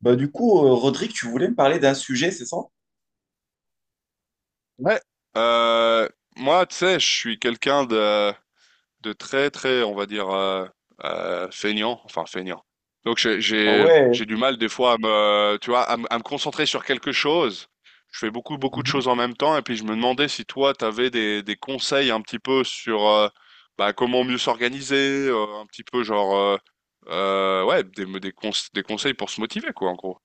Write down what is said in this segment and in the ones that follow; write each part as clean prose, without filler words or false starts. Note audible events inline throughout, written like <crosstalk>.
Bah, du coup, Rodrigue, tu voulais me parler d'un sujet, c'est ça? Ouais. Euh, Moi, tu sais, je suis quelqu'un de très, très, on va dire, feignant, enfin feignant. Donc, Ah ouais, j'ai du mal des fois à me, tu vois, à me concentrer sur quelque chose. Je fais beaucoup, beaucoup de mhm. choses en même temps. Et puis, je me demandais si toi, tu avais des conseils un petit peu sur bah, comment mieux s'organiser, un petit peu genre, ouais, des conseils pour se motiver, quoi, en gros.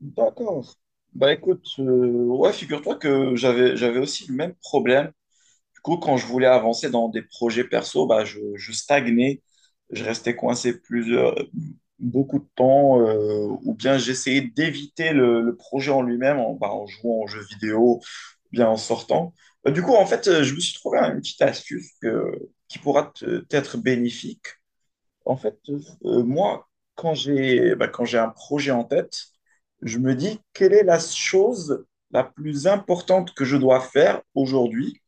D'accord. Bah écoute, ouais, figure-toi que j'avais aussi le même problème. Du coup, quand je voulais avancer dans des projets perso, bah je stagnais, je restais coincé plusieurs beaucoup de temps, ou bien j'essayais d'éviter le projet en lui-même en, bah, en jouant aux jeux vidéo, ou bien en sortant. Bah, du coup, en fait, je me suis trouvé une petite astuce que, qui pourra t'être bénéfique. En fait, moi, quand j'ai un projet en tête, je me dis quelle est la chose la plus importante que je dois faire aujourd'hui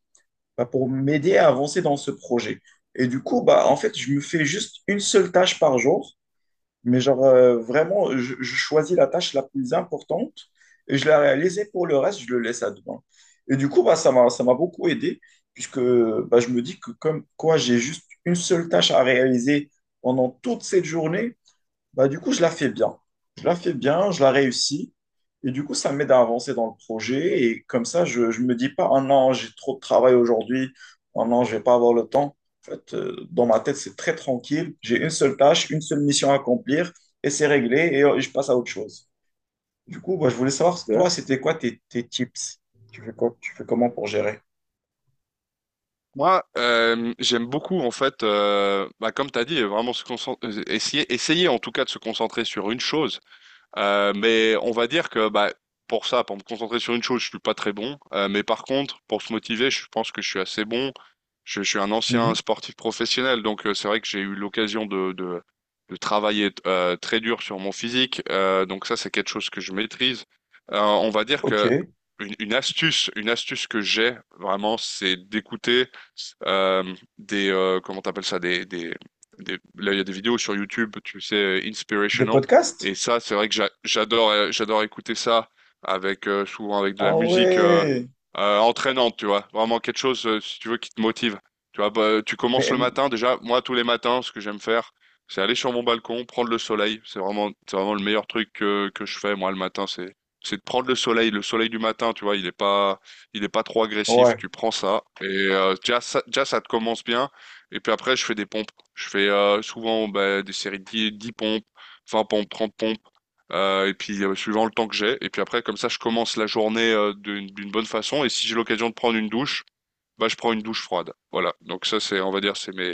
bah, pour m'aider à avancer dans ce projet. Et du coup, bah, en fait, je me fais juste une seule tâche par jour mais genre, vraiment, je choisis la tâche la plus importante et je la réalise et pour le reste, je le laisse à demain. Et du coup, bah, ça m'a beaucoup aidé puisque bah, je me dis que comme quoi j'ai juste une seule tâche à réaliser pendant toute cette journée, bah, du coup, je la fais bien. Je la fais bien, je la réussis. Et du coup, ça m'aide à avancer dans le projet. Et comme ça, je ne me dis pas, ah non, j'ai trop de travail aujourd'hui. Ah non, je vais pas avoir le temps. En fait, dans ma tête, c'est très tranquille. J'ai une seule tâche, une seule mission à accomplir et c'est réglé et je passe à autre chose. Du coup, bah, je voulais savoir, toi, c'était quoi tes tips? Tu fais quoi, tu fais comment pour gérer? Moi, j'aime beaucoup en fait, bah, comme tu as dit, vraiment se concentrer, essayer en tout cas de se concentrer sur une chose. Mais on va dire que bah, pour ça, pour me concentrer sur une chose, je suis pas très bon. Mais par contre, pour se motiver, je pense que je suis assez bon. Je suis un ancien Mhm. sportif professionnel, donc c'est vrai que j'ai eu l'occasion de travailler très dur sur mon physique. Donc ça, c'est quelque chose que je maîtrise. On va dire Ok. que une astuce que j'ai vraiment, c'est d'écouter euh, des comment t'appelles ça des là il y a des vidéos sur YouTube, tu sais, Des inspirational. Et podcasts? ça, c'est vrai que j'adore, j'adore écouter ça avec souvent avec de la Ah musique ouais. Entraînante, tu vois. Vraiment quelque chose, si tu veux, qui te motive. Tu vois, bah, tu Mais commences le matin. Déjà, moi, tous les matins, ce que j'aime faire, c'est aller sur mon balcon, prendre le soleil. C'est vraiment le meilleur truc que je fais, moi, le matin. C'est de prendre le soleil. Le soleil du matin, tu vois, il est pas trop agressif. ouais. Tu prends ça et déjà, ça te commence bien. Et puis après, je fais des pompes. Je fais souvent bah, des séries de 10 pompes. 20 pompes, 30 pompes, et puis suivant le temps que j'ai. Et puis après, comme ça, je commence la journée d'une bonne façon. Et si j'ai l'occasion de prendre une douche, bah, je prends une douche froide. Voilà. Donc ça, c'est, on va dire,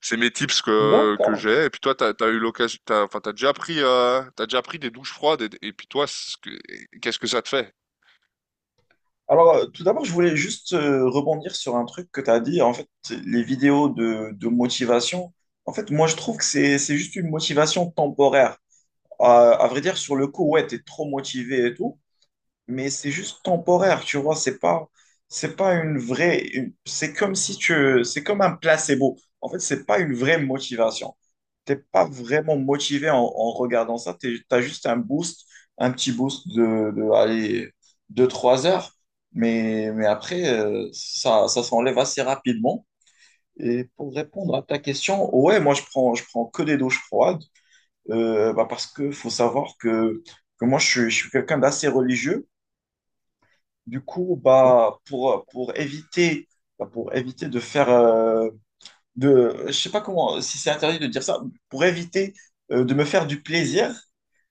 c'est mes tips que D'accord. j'ai. Et puis toi, t'as eu l'occasion, t'as, enfin, t'as déjà pris des douches froides. Et puis toi, qu'est-ce que ça te fait? Alors, tout d'abord, je voulais juste rebondir sur un truc que tu as dit. En fait, les vidéos de motivation, en fait, moi, je trouve que c'est juste une motivation temporaire. À vrai dire, sur le coup, ouais, tu es trop motivé et tout, mais c'est juste temporaire, tu vois, c'est pas une vraie, une- c'est comme si tu, c'est comme un placebo. En fait, c'est pas une vraie motivation t'es pas vraiment motivé en regardant ça. Tu as juste un boost, un petit boost de allez, 2-3 heures. Mais après, ça s'enlève assez rapidement. Et pour répondre à ta question, ouais, moi, je prends que des douches froides bah, parce que faut savoir que moi, je suis quelqu'un d'assez religieux. Du coup, bah, pour éviter, bah, pour éviter de faire, je sais pas comment, si c'est interdit de dire ça, pour éviter de me faire du plaisir.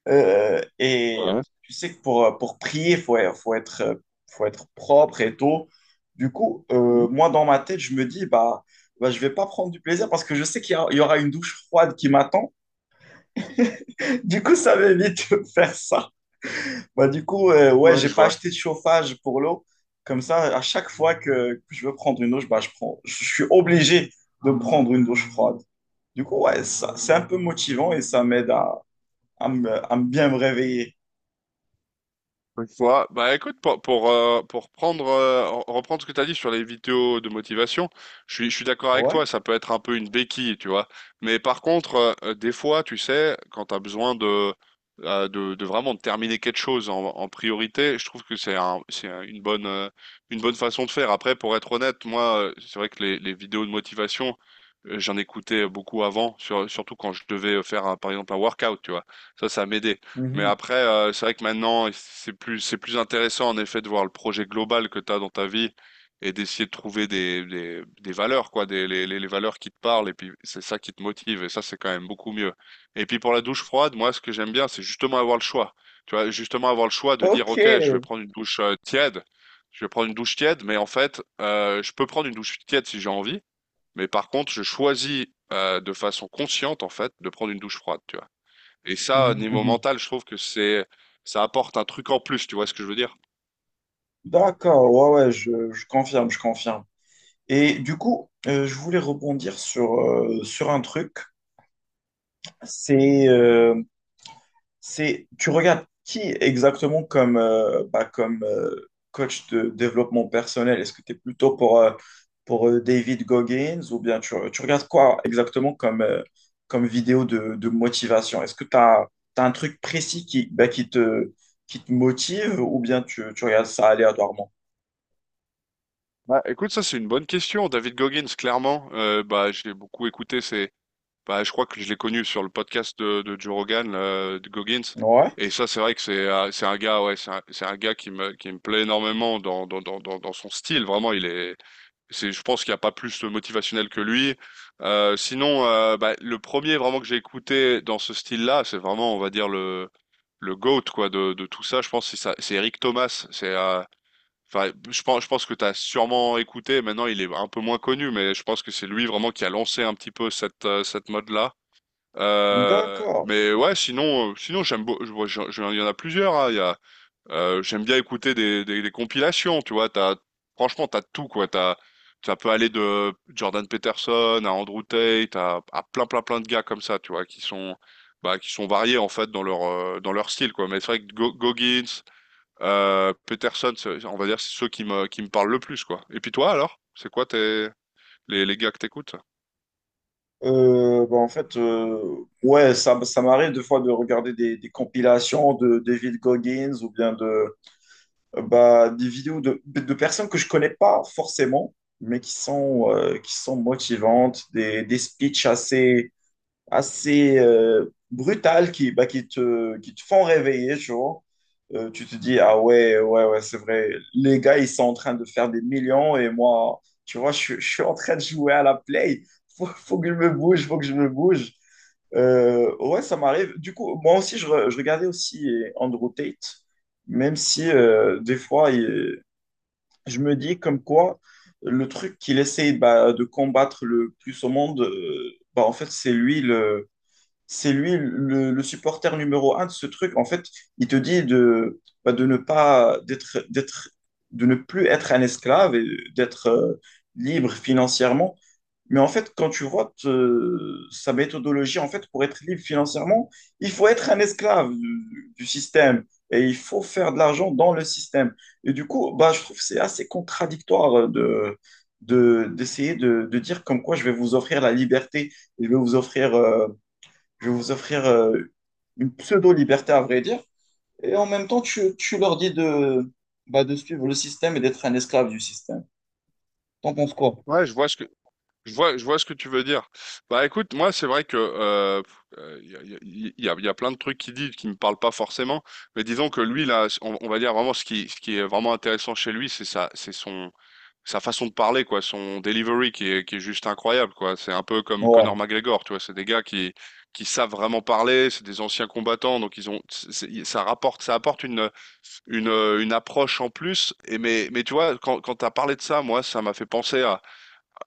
Et tu sais que pour prier, faut être propre et tout. Du coup, moi, dans ma tête, je me dis, bah, je vais pas prendre du plaisir parce que je sais qu'il y aura une douche froide qui m'attend. <laughs> Du coup, ça m'évite de faire ça. Bah, du coup, ouais, Ouais. j'ai Je pas vois. acheté de chauffage pour l'eau. Comme ça, à chaque fois que je veux prendre une douche, bah, je suis obligé de prendre une douche froide. Du coup, ouais, c'est un peu motivant et ça m'aide à me bien me réveiller. Je vois. Bah écoute, reprendre ce que tu as dit sur les vidéos de motivation, je suis d'accord avec Ouais. toi, ça peut être un peu une béquille, tu vois. Mais par contre, des fois, tu sais, quand tu as besoin de vraiment de terminer quelque chose en, en priorité, je trouve que une bonne façon de faire. Après, pour être honnête, moi, c'est vrai que les vidéos de motivation, j'en écoutais beaucoup avant, surtout quand je devais faire, par exemple, un workout, tu vois. Ça m'aidait. Mais Mhm. après, c'est vrai que maintenant, c'est plus intéressant en effet de voir le projet global que tu as dans ta vie et d'essayer de trouver des valeurs, quoi, des, les valeurs qui te parlent et puis c'est ça qui te motive et ça, c'est quand même beaucoup mieux. Et puis pour la douche froide, moi, ce que j'aime bien, c'est justement avoir le choix. Tu vois, justement avoir le choix de dire, Ok. OK, je vais prendre une douche tiède, je vais prendre une douche tiède, mais en fait, je peux prendre une douche tiède si j'ai envie, mais par contre, je choisis de façon consciente, en fait, de prendre une douche froide, tu vois. Et ça, Mhm, niveau mhm. mental, je trouve que c'est, ça apporte un truc en plus, tu vois ce que je veux dire? D'accord. Ouais, ouais, je confirme, je confirme. Et du coup, je voulais rebondir sur un truc. C'est, euh, tu regardes qui exactement comme, bah, comme coach de développement personnel? Est-ce que tu es plutôt pour David Goggins ou bien tu regardes quoi exactement comme vidéo de motivation? Est-ce que tu as, un truc précis qui, bah, qui te motive ou bien tu regardes ça aléatoirement? Bah, écoute, ça c'est une bonne question. David Goggins, clairement, bah, j'ai beaucoup écouté ses... Bah, je crois que je l'ai connu sur le podcast de Joe Rogan, de Goggins. Ouais. Et ça, c'est vrai que c'est un gars, ouais, c'est un gars qui me plaît énormément dans son style. Vraiment, il est, c'est, je pense qu'il n'y a pas plus de motivationnel que lui. Sinon, bah, le premier vraiment que j'ai écouté dans ce style-là, c'est vraiment, on va dire, le GOAT, quoi, de tout ça. Je pense que c'est Eric Thomas. C'est, enfin, je pense que tu as sûrement écouté. Maintenant, il est un peu moins connu, mais je pense que c'est lui vraiment qui a lancé un petit peu cette, cette mode-là. D'accord. Mais ouais, sinon, sinon j'aime beau- je vois- je- il y en a plusieurs, hein. Il y a, j'aime bien écouter des compilations. Tu vois, t'as, franchement, t'as tout quoi. T'as, ça peut aller de Jordan Peterson à Andrew Tate à plein, plein, plein de gars comme ça. Tu vois, qui sont, bah, qui sont variés en fait dans leur style quoi. Mais c'est vrai que Goggins, Peterson, on va dire, c'est ceux qui me parlent le plus quoi. Et puis toi alors, c'est quoi tes les gars que t'écoutes? Bah, en fait, ouais, ça m'arrive des fois de regarder des compilations de David Goggins ou bien de, bah, des vidéos de personnes que je connais pas forcément, mais qui sont motivantes, des speeches assez, assez brutales qui te font réveiller, tu vois. Tu te dis, ah ouais, ouais, ouais, c'est vrai. Les gars, ils sont en train de faire des millions et moi, tu vois, je suis en train de jouer à la play. Faut que je me bouge, faut que je me bouge. Ouais, ça m'arrive. Du coup, moi aussi, je regardais aussi Andrew Tate, même si des fois, je me dis comme quoi le truc qu'il essaye bah, de combattre le plus au monde, bah, en fait, c'est lui le supporter numéro un de ce truc. En fait, il te dit de, bah, de ne pas d'être, de ne plus être un esclave et d'être libre financièrement. Mais en fait, quand tu vois sa méthodologie, en fait, pour être libre financièrement, il faut être un esclave du système et il faut faire de l'argent dans le système. Et du coup, bah, je trouve que c'est assez contradictoire d'essayer de dire comme quoi je vais vous offrir la liberté, je vais vous offrir, euh, je vais vous offrir une pseudo-liberté, à vrai dire. Et en même temps, tu leur dis de, bah, de suivre le système et d'être un esclave du système. T'en penses quoi? Ouais, je vois ce que tu veux dire. Bah écoute, moi c'est vrai que il y a, il y a plein de trucs qu'il dit qui me parlent pas forcément, mais disons que lui là, on va dire vraiment ce qui est vraiment intéressant chez lui, c'est ça, c'est son sa façon de parler, quoi, son delivery qui est juste incroyable, quoi. C'est un peu comme Ouais. Conor McGregor, tu vois. C'est des gars qui savent vraiment parler, c'est des anciens combattants, donc ils ont, ça rapporte, ça apporte une approche en plus. Et mais tu vois, quand t'as parlé de ça, moi, ça m'a fait penser à,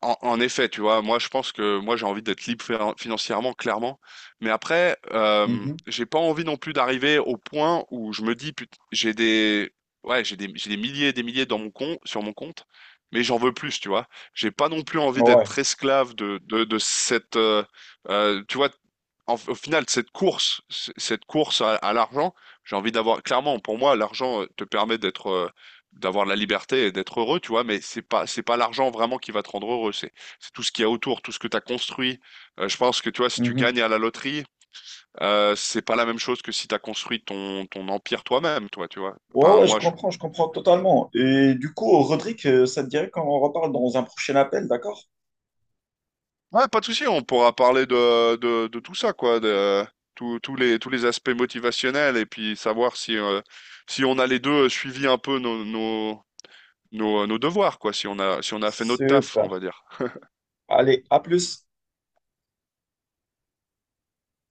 en effet, tu vois, moi je pense que moi j'ai envie d'être libre financièrement, clairement. Mais après, Mhm. j'ai pas envie non plus d'arriver au point où je me dis, j'ai des, ouais, j'ai des milliers et des milliers sur mon compte, mais j'en veux plus, tu vois. J'ai pas non plus envie Ouais. d'être esclave de cette, tu vois, au final, cette course à l'argent, j'ai envie d'avoir, clairement, pour moi, l'argent te permet d'avoir la liberté et d'être heureux, tu vois, mais c'est pas l'argent vraiment qui va te rendre heureux, c'est tout ce qu'il y a autour, tout ce que tu as construit. Je pense que tu vois, si tu Mhm. gagnes à la loterie, c'est pas la même chose que si tu as construit ton empire toi-même, toi, tu vois. Ouais, Enfin, ouais, je moi je... comprends, je comprends totalement. Et du coup, Rodrigue, ça te dirait qu'on en reparle dans un prochain appel, d'accord? Ouais, pas de souci, on pourra parler de tout ça quoi, de tous tous les aspects motivationnels et puis savoir si si on a les deux suivi un peu nos devoirs quoi, si on a fait notre taf, on Super. va dire. Allez, à plus.